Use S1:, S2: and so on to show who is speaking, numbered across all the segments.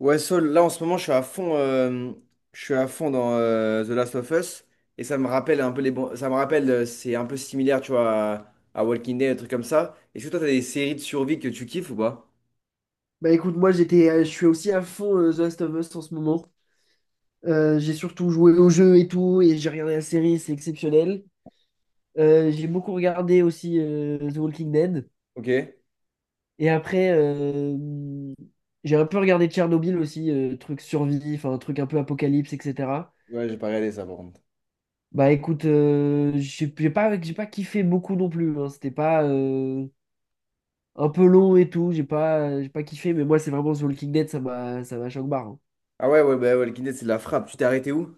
S1: Ouais, Saul, là en ce moment, je suis à fond, je suis à fond dans The Last of Us et ça me rappelle un peu les bons. Ça me rappelle, c'est un peu similaire, tu vois, à Walking Dead, des trucs comme ça. Est-ce que toi, t'as des séries de survie que tu kiffes ou pas?
S2: Bah écoute, moi j'étais, je suis aussi à fond The Last of Us en ce moment. J'ai surtout joué au jeu et tout, et j'ai regardé la série, c'est exceptionnel. J'ai beaucoup regardé aussi The Walking Dead.
S1: Ok. Ouais,
S2: Et après, j'ai un peu regardé Tchernobyl aussi, truc survie, enfin un truc un peu apocalypse, etc.
S1: j'ai pas regardé ça par contre.
S2: Bah écoute, j'ai pas kiffé beaucoup non plus, hein. C'était pas un peu long et tout, j'ai pas kiffé, mais moi c'est vraiment The Walking Dead, ça m'a choc-barre, hein.
S1: Ah ouais, ouais, bah, Walking Dead, c'est de la frappe. Tu t'es arrêté où?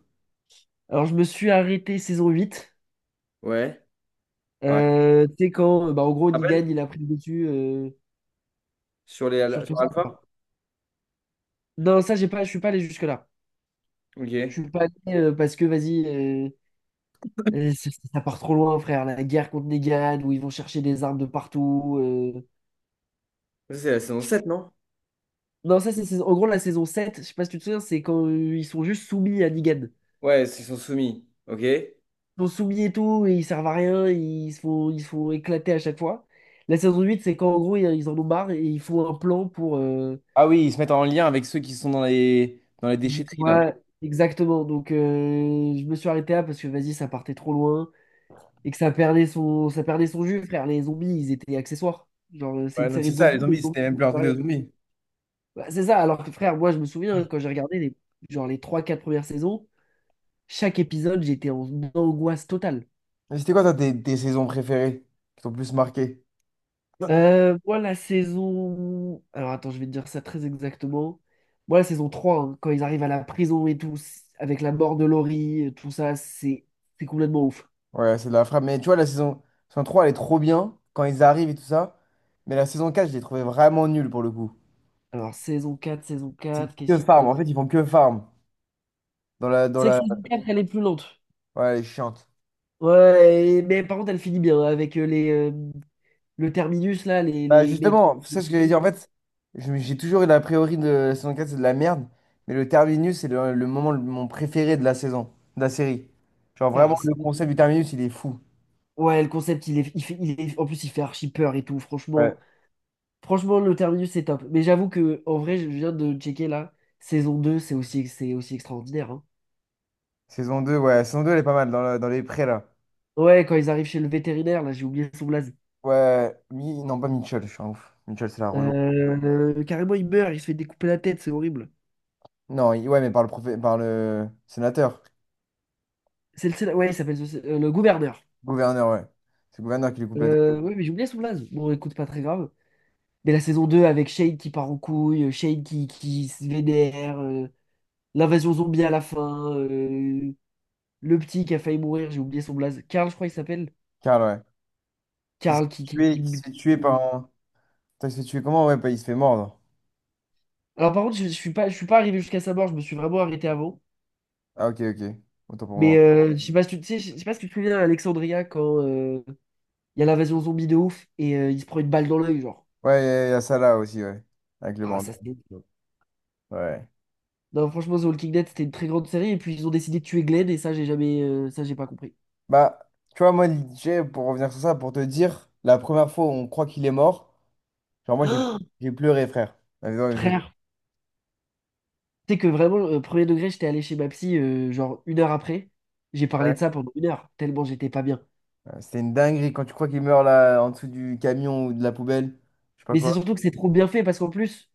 S2: Alors je me suis arrêté saison huit.
S1: Ouais. Pareil. Tu
S2: Tu sais quand, bah, en gros,
S1: te
S2: Nigan,
S1: rappelles?
S2: il a pris le dessus
S1: Sur
S2: sur tout
S1: sur
S2: ça,
S1: Alpha?
S2: quoi. Non, ça, j'ai pas, je suis pas allé jusque-là.
S1: Ok.
S2: Je suis pas allé parce que, vas-y, ça, ça part trop loin, frère. La guerre contre Negan, où ils vont chercher des armes de partout, euh.
S1: Ça, c'est la saison 7 non?
S2: Non, ça, en gros la saison sept. Je sais pas si tu te souviens, c'est quand ils sont juste soumis à Negan.
S1: Ouais, ils sont soumis. Ok.
S2: Ils sont soumis et tout, et ils servent à rien, et ils se font éclater à chaque fois. La saison 8 c'est quand, en gros, ils en ont marre et ils font un plan pour, euh.
S1: Ah oui, ils se mettent en lien avec ceux qui sont dans les
S2: Ouais,
S1: déchetteries là.
S2: ouais, exactement. Donc, je me suis arrêté là parce que, vas-y, ça partait trop loin et que ça perdait son jus, frère. Les zombies, ils étaient accessoires. Genre, c'est
S1: Ouais,
S2: une
S1: non,
S2: série
S1: c'est
S2: de
S1: ça,
S2: zombies,
S1: les
S2: les
S1: zombies,
S2: zombies,
S1: c'était même
S2: ils
S1: plus un
S2: font
S1: truc de
S2: rien.
S1: zombies.
S2: Bah, c'est ça. Alors que, frère, moi, je me souviens, hein, quand j'ai regardé les, genre, les trois quatre premières saisons, chaque épisode, j'étais en angoisse totale.
S1: Mais c'était quoi, toi, tes saisons préférées qui t'ont le plus marqué?
S2: Moi, la saison. Alors, attends, je vais te dire ça très exactement. Moi, la saison trois, hein, quand ils arrivent à la prison et tout, avec la mort de Laurie, tout ça, c'est complètement ouf.
S1: Ouais, c'est de la frappe. Mais tu vois, saison 3, elle est trop bien quand ils arrivent et tout ça. Mais la saison 4, je l'ai trouvée vraiment nulle pour le coup.
S2: Alors, saison quatre, saison
S1: C'est
S2: quatre, qu'est-ce
S1: que
S2: qui se
S1: farm. En
S2: passe?
S1: fait, ils font que farm. Dans la, dans
S2: C'est vrai que
S1: la...
S2: saison 4 elle est plus lente.
S1: Ouais, elle est chiante.
S2: Ouais, et- mais par contre, elle finit bien, hein, avec les, le terminus, là,
S1: Bah,
S2: les mecs.
S1: justement, c'est ce que j'allais dire. En fait, j'ai toujours eu l'a priori de la saison 4, c'est de la merde. Mais le terminus, c'est le mon préféré de la saison, de la série. Genre,
S2: Ah,
S1: vraiment, le
S2: c'est-
S1: concept du terminus, il est fou.
S2: Ouais, le concept, il est, en plus, il fait archi peur et tout,
S1: Ouais.
S2: franchement. Franchement, le terminus, c'est top. Mais j'avoue que, en vrai, je viens de checker, là, saison 2 c'est aussi extraordinaire, hein.
S1: Saison 2, ouais. Saison deux, elle est pas mal dans, dans les prés, là.
S2: Ouais, quand ils arrivent chez le vétérinaire, là, j'ai oublié son blaze.
S1: Ouais, non, pas Mitchell, je suis un ouf. Mitchell, c'est la Renault.
S2: Carrément, il meurt, il se fait découper la tête, c'est horrible.
S1: Non, ouais, mais par par le sénateur,
S2: C'est le, ouais, il s'appelle le gouverneur.
S1: gouverneur, ouais. C'est le gouverneur qui lui coupe la tête.
S2: Oui, mais j'ai oublié Soublaz. Bon, écoute, pas très grave. Mais la saison 2 avec Shade qui part en couille, Shade qui se vénère, l'invasion zombie à la fin, le petit qui a failli mourir, j'ai oublié son blaze. Karl, je crois qu'il s'appelle.
S1: Karl, ouais. Qui se
S2: Karl
S1: fait tuer, qui se fait tuer
S2: qui-
S1: par un. Putain, il se fait tuer comment? Ouais, bah, il se fait mordre.
S2: Alors par contre, je suis pas arrivé jusqu'à sa mort, je me suis vraiment arrêté avant.
S1: Ah, ok, ok. Autant pour
S2: Mais
S1: moi.
S2: je sais pas si tu sais, je sais pas si tu te souviens à Alexandria quand il y a l'invasion zombie de ouf et il se prend une balle dans l'œil, genre.
S1: Ouais, il y a ça là aussi, ouais. Avec le
S2: Ah,
S1: bandeau.
S2: ça c'est...
S1: Ouais.
S2: Non, franchement, The Walking Dead, c'était une très grande série. Et puis, ils ont décidé de tuer Glenn, et ça, j'ai jamais, ça, j'ai pas compris.
S1: Bah, tu vois, moi, DJ, pour revenir sur ça, pour te dire, la première fois où on croit qu'il est mort, genre, moi, j'ai pleuré, frère. Ouais, J'ai
S2: Frère, tu sais que vraiment, premier degré, j'étais allé chez ma psy, genre une heure après. J'ai parlé de
S1: ouais,
S2: ça pendant une heure, tellement j'étais pas bien.
S1: C'était une dinguerie quand tu crois qu'il meurt là en dessous du camion ou de la poubelle. Je sais pas
S2: Mais c'est
S1: quoi.
S2: surtout que c'est trop bien fait, parce qu'en plus,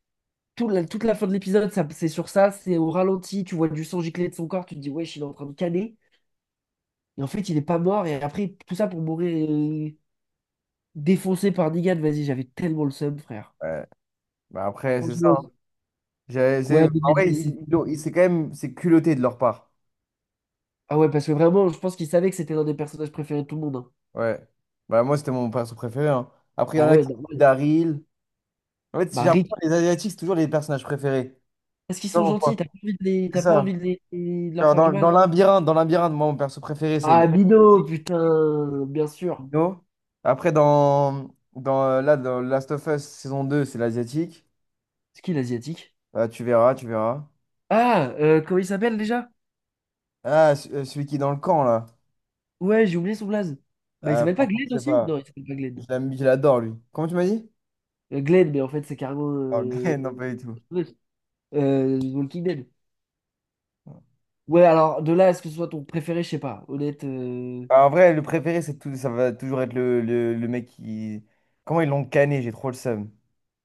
S2: toute la fin de l'épisode, ça, c'est sur ça, c'est au ralenti, tu vois du sang gicler de son corps, tu te dis, wesh, il est en train de caner. Et en fait, il est pas mort, et après, tout ça pour mourir défoncé par Negan. Vas-y, j'avais tellement le seum, frère.
S1: Ouais. Bah après, c'est ça,
S2: Franchement,
S1: hein.
S2: ouais,
S1: En
S2: mais
S1: vrai,
S2: vas-y, c'est-
S1: c'est quand même c'est culotté de leur part.
S2: Ah ouais, parce que vraiment, je pense qu'ils savaient que c'était l'un des personnages préférés de tout le monde, hein.
S1: Ouais. Bah moi, c'était mon perso préféré, hein. Après, il y en
S2: Ah
S1: a
S2: ouais,
S1: qui.
S2: normal.
S1: Daryl. En fait, si
S2: Bah,
S1: j'ai l'impression
S2: Rick,
S1: que les Asiatiques, c'est toujours les personnages préférés.
S2: parce qu'ils
S1: Je sais pas
S2: sont gentils, t'as
S1: pourquoi.
S2: pas envie de les...
S1: C'est
S2: t'as pas envie de
S1: ça.
S2: de leur
S1: Genre,
S2: faire du mal.
S1: dans Labyrinthe, moi, mon perso préféré, c'est le
S2: Ah, Mino, putain, bien sûr.
S1: Dino. Après, dans Last of Us saison 2 c'est l'Asiatique.
S2: C'est qui l'asiatique?
S1: Bah, tu verras, tu verras.
S2: Ah, comment il s'appelle déjà?
S1: Ah, celui qui est dans le camp, là.
S2: Ouais, j'ai oublié son blaze. Bah, il s'appelle pas
S1: Franchement, je
S2: Glenn
S1: sais
S2: aussi?
S1: pas.
S2: Non, il s'appelle pas Glenn.
S1: Je l'adore, lui. Comment tu m'as dit?
S2: Glenn, mais en fait, c'est carrément.
S1: Ok, non, pas du tout.
S2: Euh, Walking Dead. Ouais, alors, de là à ce que ce soit ton préféré, je sais pas. Honnête, euh.
S1: En vrai, le préféré, c'est tout, ça va toujours être le mec qui. Comment ils l'ont canné, j'ai trop le seum.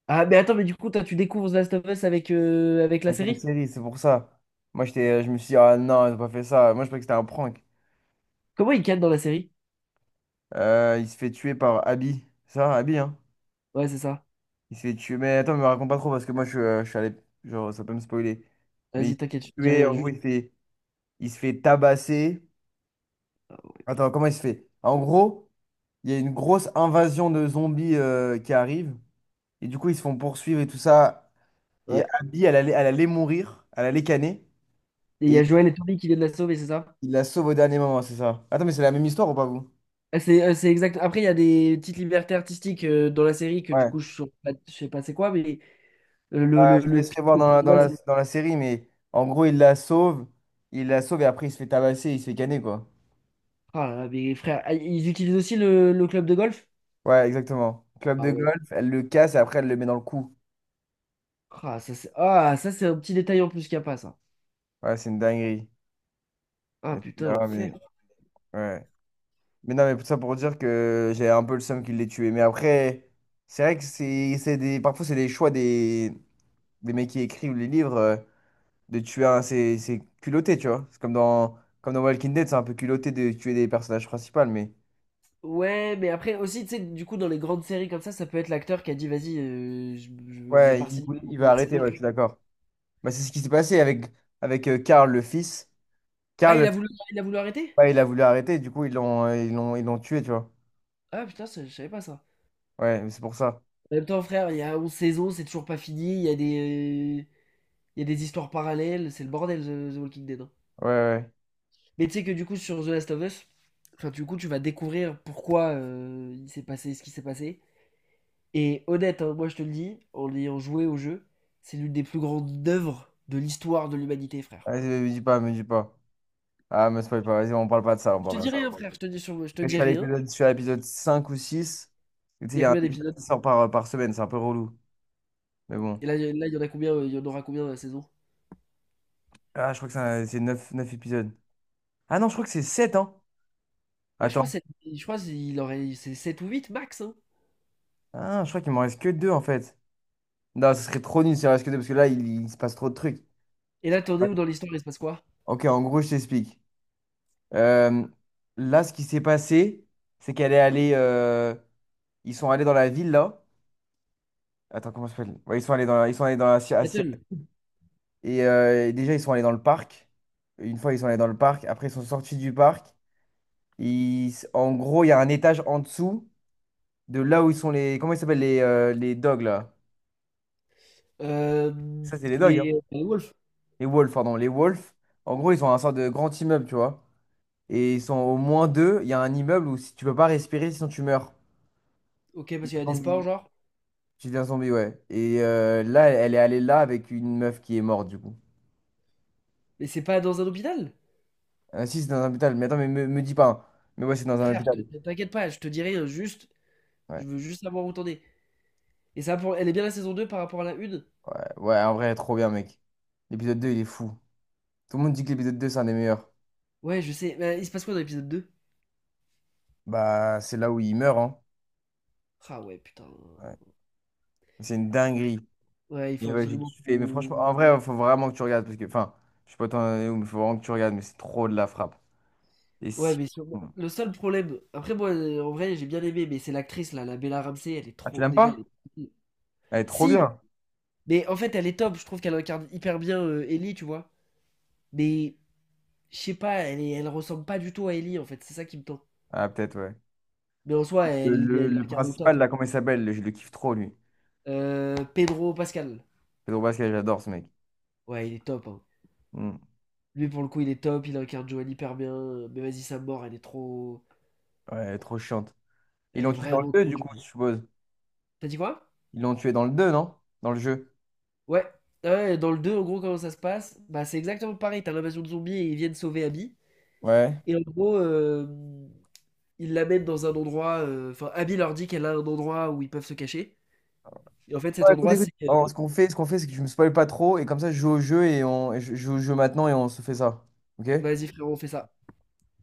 S2: Ah, mais attends, mais du coup, toi, tu découvres The Last of Us avec, avec la
S1: Avec la
S2: série?
S1: série, c'est pour ça. Moi, je me suis dit, ah non, ils ont pas fait ça. Moi, je croyais que c'était un prank.
S2: Comment ils cadrent dans la série?
S1: Il se fait tuer par Abby. C'est Ça, Abby, hein?
S2: Ouais, c'est ça.
S1: Il se fait tuer. Mais attends, me raconte pas trop parce que moi, je suis allé. Genre, ça peut me spoiler. Mais il
S2: Vas-y,
S1: se fait
S2: t'inquiète, je te dis
S1: tuer,
S2: rien,
S1: en gros,
S2: juste.
S1: il se fait tabasser.
S2: Ah, ouais.
S1: Attends, comment il se fait? En gros. Il y a une grosse invasion de zombies qui arrive. Et du coup, ils se font poursuivre et tout ça. Et
S2: Ouais.
S1: Abby, elle allait mourir. Elle allait canner.
S2: Et il y a
S1: Et
S2: Joël et Toby qui viennent la sauver, c'est ça?
S1: il la sauve au dernier moment, c'est ça. Attends, mais c'est la même histoire ou pas, vous?
S2: Ah, c'est c'est exact. Après, il y a des petites libertés artistiques dans la série que du
S1: Ouais.
S2: coup, je sais pas c'est quoi, mais
S1: Ouais, je te
S2: le pitch
S1: laisserai voir
S2: principal, c'est-
S1: dans la série, mais en gros, il la sauve. Il la sauve et après, il se fait tabasser, il se fait canner, quoi.
S2: Ah là là, mais frère, ah, ils utilisent aussi le club de golf?
S1: Ouais, exactement. Club
S2: Ah
S1: de
S2: ouais.
S1: golf, elle le casse et après, elle le met dans le cou.
S2: Ah, ça, c'est un petit détail en plus qu'il n'y a pas, ça.
S1: Ouais, c'est une dinguerie.
S2: Ah
S1: Mais tu
S2: putain,
S1: verras,
S2: l'enfer.
S1: mais... Ouais. Mais non, mais tout ça pour dire que j'ai un peu le seum qu'il l'ait tué. Mais après, c'est vrai que c'est des... parfois, c'est des choix des mecs qui écrivent les livres de tuer un. C'est culotté, tu vois. C'est comme dans Walking Dead, c'est un peu culotté de tuer des personnages principaux. Mais
S2: Ouais, mais après aussi, tu sais, du coup, dans les grandes séries comme ça peut être l'acteur qui a dit, vas-y, je vais
S1: ouais, Mm.
S2: pas signer pour
S1: Il
S2: une
S1: va
S2: nouvelle
S1: arrêter,
S2: saison,
S1: ouais,
S2: tu-
S1: je suis d'accord. Bah, c'est ce qui s'est passé avec Karl, le fils.
S2: Ah,
S1: Karl,
S2: il a voulu arrêter?
S1: ouais, il a voulu arrêter, du coup, ils l'ont tué, tu vois.
S2: Ah putain, ça- je savais pas ça.
S1: Ouais, c'est pour ça.
S2: En même temps, frère, il y a 11 saisons, c'est toujours pas fini, il y a des, il y a des histoires parallèles, c'est le bordel, The, The Walking Dead, hein.
S1: Ouais, ouais.
S2: Mais tu sais que du coup, sur The Last of Us, enfin, du coup, tu vas découvrir pourquoi il s'est passé ce qui s'est passé. Et honnête, hein, moi je te le dis, en ayant joué au jeu, c'est l'une des plus grandes œuvres de l'histoire de l'humanité, frère.
S1: Vas-y, me dis pas, me dis pas. Ah, me spoil pas, vas-y, on parle pas de ça,
S2: Je
S1: on
S2: Bon, te bah dis
S1: parle pas.
S2: rien, frère, je te dis, je te dis rien.
S1: Je suis à l'épisode 5 ou six. Tu sais,
S2: Il
S1: il
S2: y
S1: y
S2: a
S1: a un
S2: combien
S1: épisode
S2: d'épisodes?
S1: qui sort par semaine, c'est un peu relou. Mais bon.
S2: Et là, là, il y en a combien, il y en aura combien dans la saison?
S1: Ah, je crois que c'est neuf épisodes. Ah non, je crois que c'est 7 hein.
S2: Ouais,
S1: Attends.
S2: je crois qu'il aurait c'est 7 ou 8 max, hein.
S1: Ah, je crois qu'il m'en reste que 2 en fait. Non, ce serait trop nul s'il en reste que 2 parce que là, il se passe trop de trucs.
S2: Et là, t'en es où dans l'histoire? Il se passe quoi?
S1: Ok, en gros, je t'explique. Euh, là, ce qui s'est passé, c'est qu'elle est allée, ils sont allés dans la ville là. Attends, comment ça s'appelle? Ouais, ils sont allés ils sont allés à Cia-
S2: Seattle.
S1: Et déjà, ils sont allés dans le parc. Une fois, ils sont allés dans le parc. Après, ils sont sortis du parc. En gros, il y a un étage en dessous de là où ils sont les. Comment ils s'appellent les dogs là?
S2: Euh,
S1: Ça, c'est les dogs, hein.
S2: les Wolves.
S1: Les wolves, pardon. Les wolves. En gros, ils ont un sorte de grand immeuble, tu vois. Et ils sont au moins deux. Il y a un immeuble où si tu peux pas respirer, sinon tu meurs.
S2: Ok,
S1: Tu
S2: parce qu'il
S1: deviens
S2: y a des sports,
S1: zombie,
S2: genre.
S1: tu deviens zombie, ouais. Et là, elle est allée là avec une meuf qui est morte, du coup.
S2: Mais c'est pas dans un hôpital.
S1: Ah, si, c'est dans un hôpital. Mais attends, mais me dis pas, hein. Mais ouais, c'est dans un
S2: Frère,
S1: hôpital.
S2: t'inquiète pas, je te dirai juste.
S1: Ouais,
S2: Je veux juste savoir où t'en es. Et ça, pour, elle est bien la saison 2 par rapport à la une?
S1: ouais, en vrai, trop bien, mec. L'épisode 2 il est fou. Tout le monde dit que l'épisode 2 c'est un des meilleurs.
S2: Ouais, je sais. Mais il se passe quoi dans l'épisode deux?
S1: Bah, c'est là où il meurt, hein.
S2: Ah ouais, putain.
S1: Ouais. C'est une dinguerie.
S2: Ouais, il faut
S1: Et ouais, j'ai
S2: absolument
S1: kiffé. Mais franchement, en
S2: qu'on-
S1: vrai, il faut vraiment que tu regardes. Parce que, enfin, je sais pas t'en es où, mais il faut vraiment que tu regardes. Mais c'est trop de la frappe. Et
S2: Ouais,
S1: si.
S2: mais sur-
S1: Bon.
S2: le seul problème. Après, moi, en vrai, j'ai bien aimé, mais c'est l'actrice, là, la Bella Ramsey, elle est
S1: Ah, tu
S2: trop.
S1: l'aimes
S2: Déjà, elle
S1: pas?
S2: est.
S1: Elle est trop
S2: Si,
S1: bien.
S2: mais en fait, elle est top. Je trouve qu'elle incarne hyper bien Ellie, tu vois. Mais je sais pas, elle ressemble pas du tout à Ellie, en fait. C'est ça qui me tente.
S1: Ah, peut-être, ouais.
S2: Mais en soi, elle, elle
S1: Le
S2: incarne au
S1: principal,
S2: top, hein.
S1: là, comment il s'appelle? Je le kiffe trop, lui.
S2: Pedro Pascal.
S1: Pedro Pascal, j'adore ce mec.
S2: Ouais, il est top, hein.
S1: Hmm.
S2: Lui, pour le coup, il est top. Il incarne Joanne hyper bien. Mais vas-y, sa mort, elle est trop.
S1: Ouais, elle est trop chiante. Ils
S2: Elle
S1: l'ont
S2: est
S1: tué dans le
S2: vraiment
S1: 2
S2: trop
S1: du
S2: du
S1: coup,
S2: bien.
S1: je suppose.
S2: T'as dit quoi?
S1: Ils l'ont tué dans le 2 non? Dans le jeu.
S2: Ouais. Ah ouais, dans le 2 en gros, comment ça se passe? Bah, c'est exactement pareil. T'as l'invasion de zombies et ils viennent sauver Abby.
S1: Ouais.
S2: Et en gros, ils l'amènent dans un endroit. Euh, enfin, Abby leur dit qu'elle a un endroit où ils peuvent se cacher. Et en fait,
S1: Non,
S2: cet
S1: écoute,
S2: endroit,
S1: écoute.
S2: c'est.
S1: Alors, ce qu'on fait, c'est que je me spoil pas trop. Et comme ça, je joue au jeu et on je joue au jeu maintenant et on se fait ça. Ok?
S2: Vas-y, frérot, on fait ça.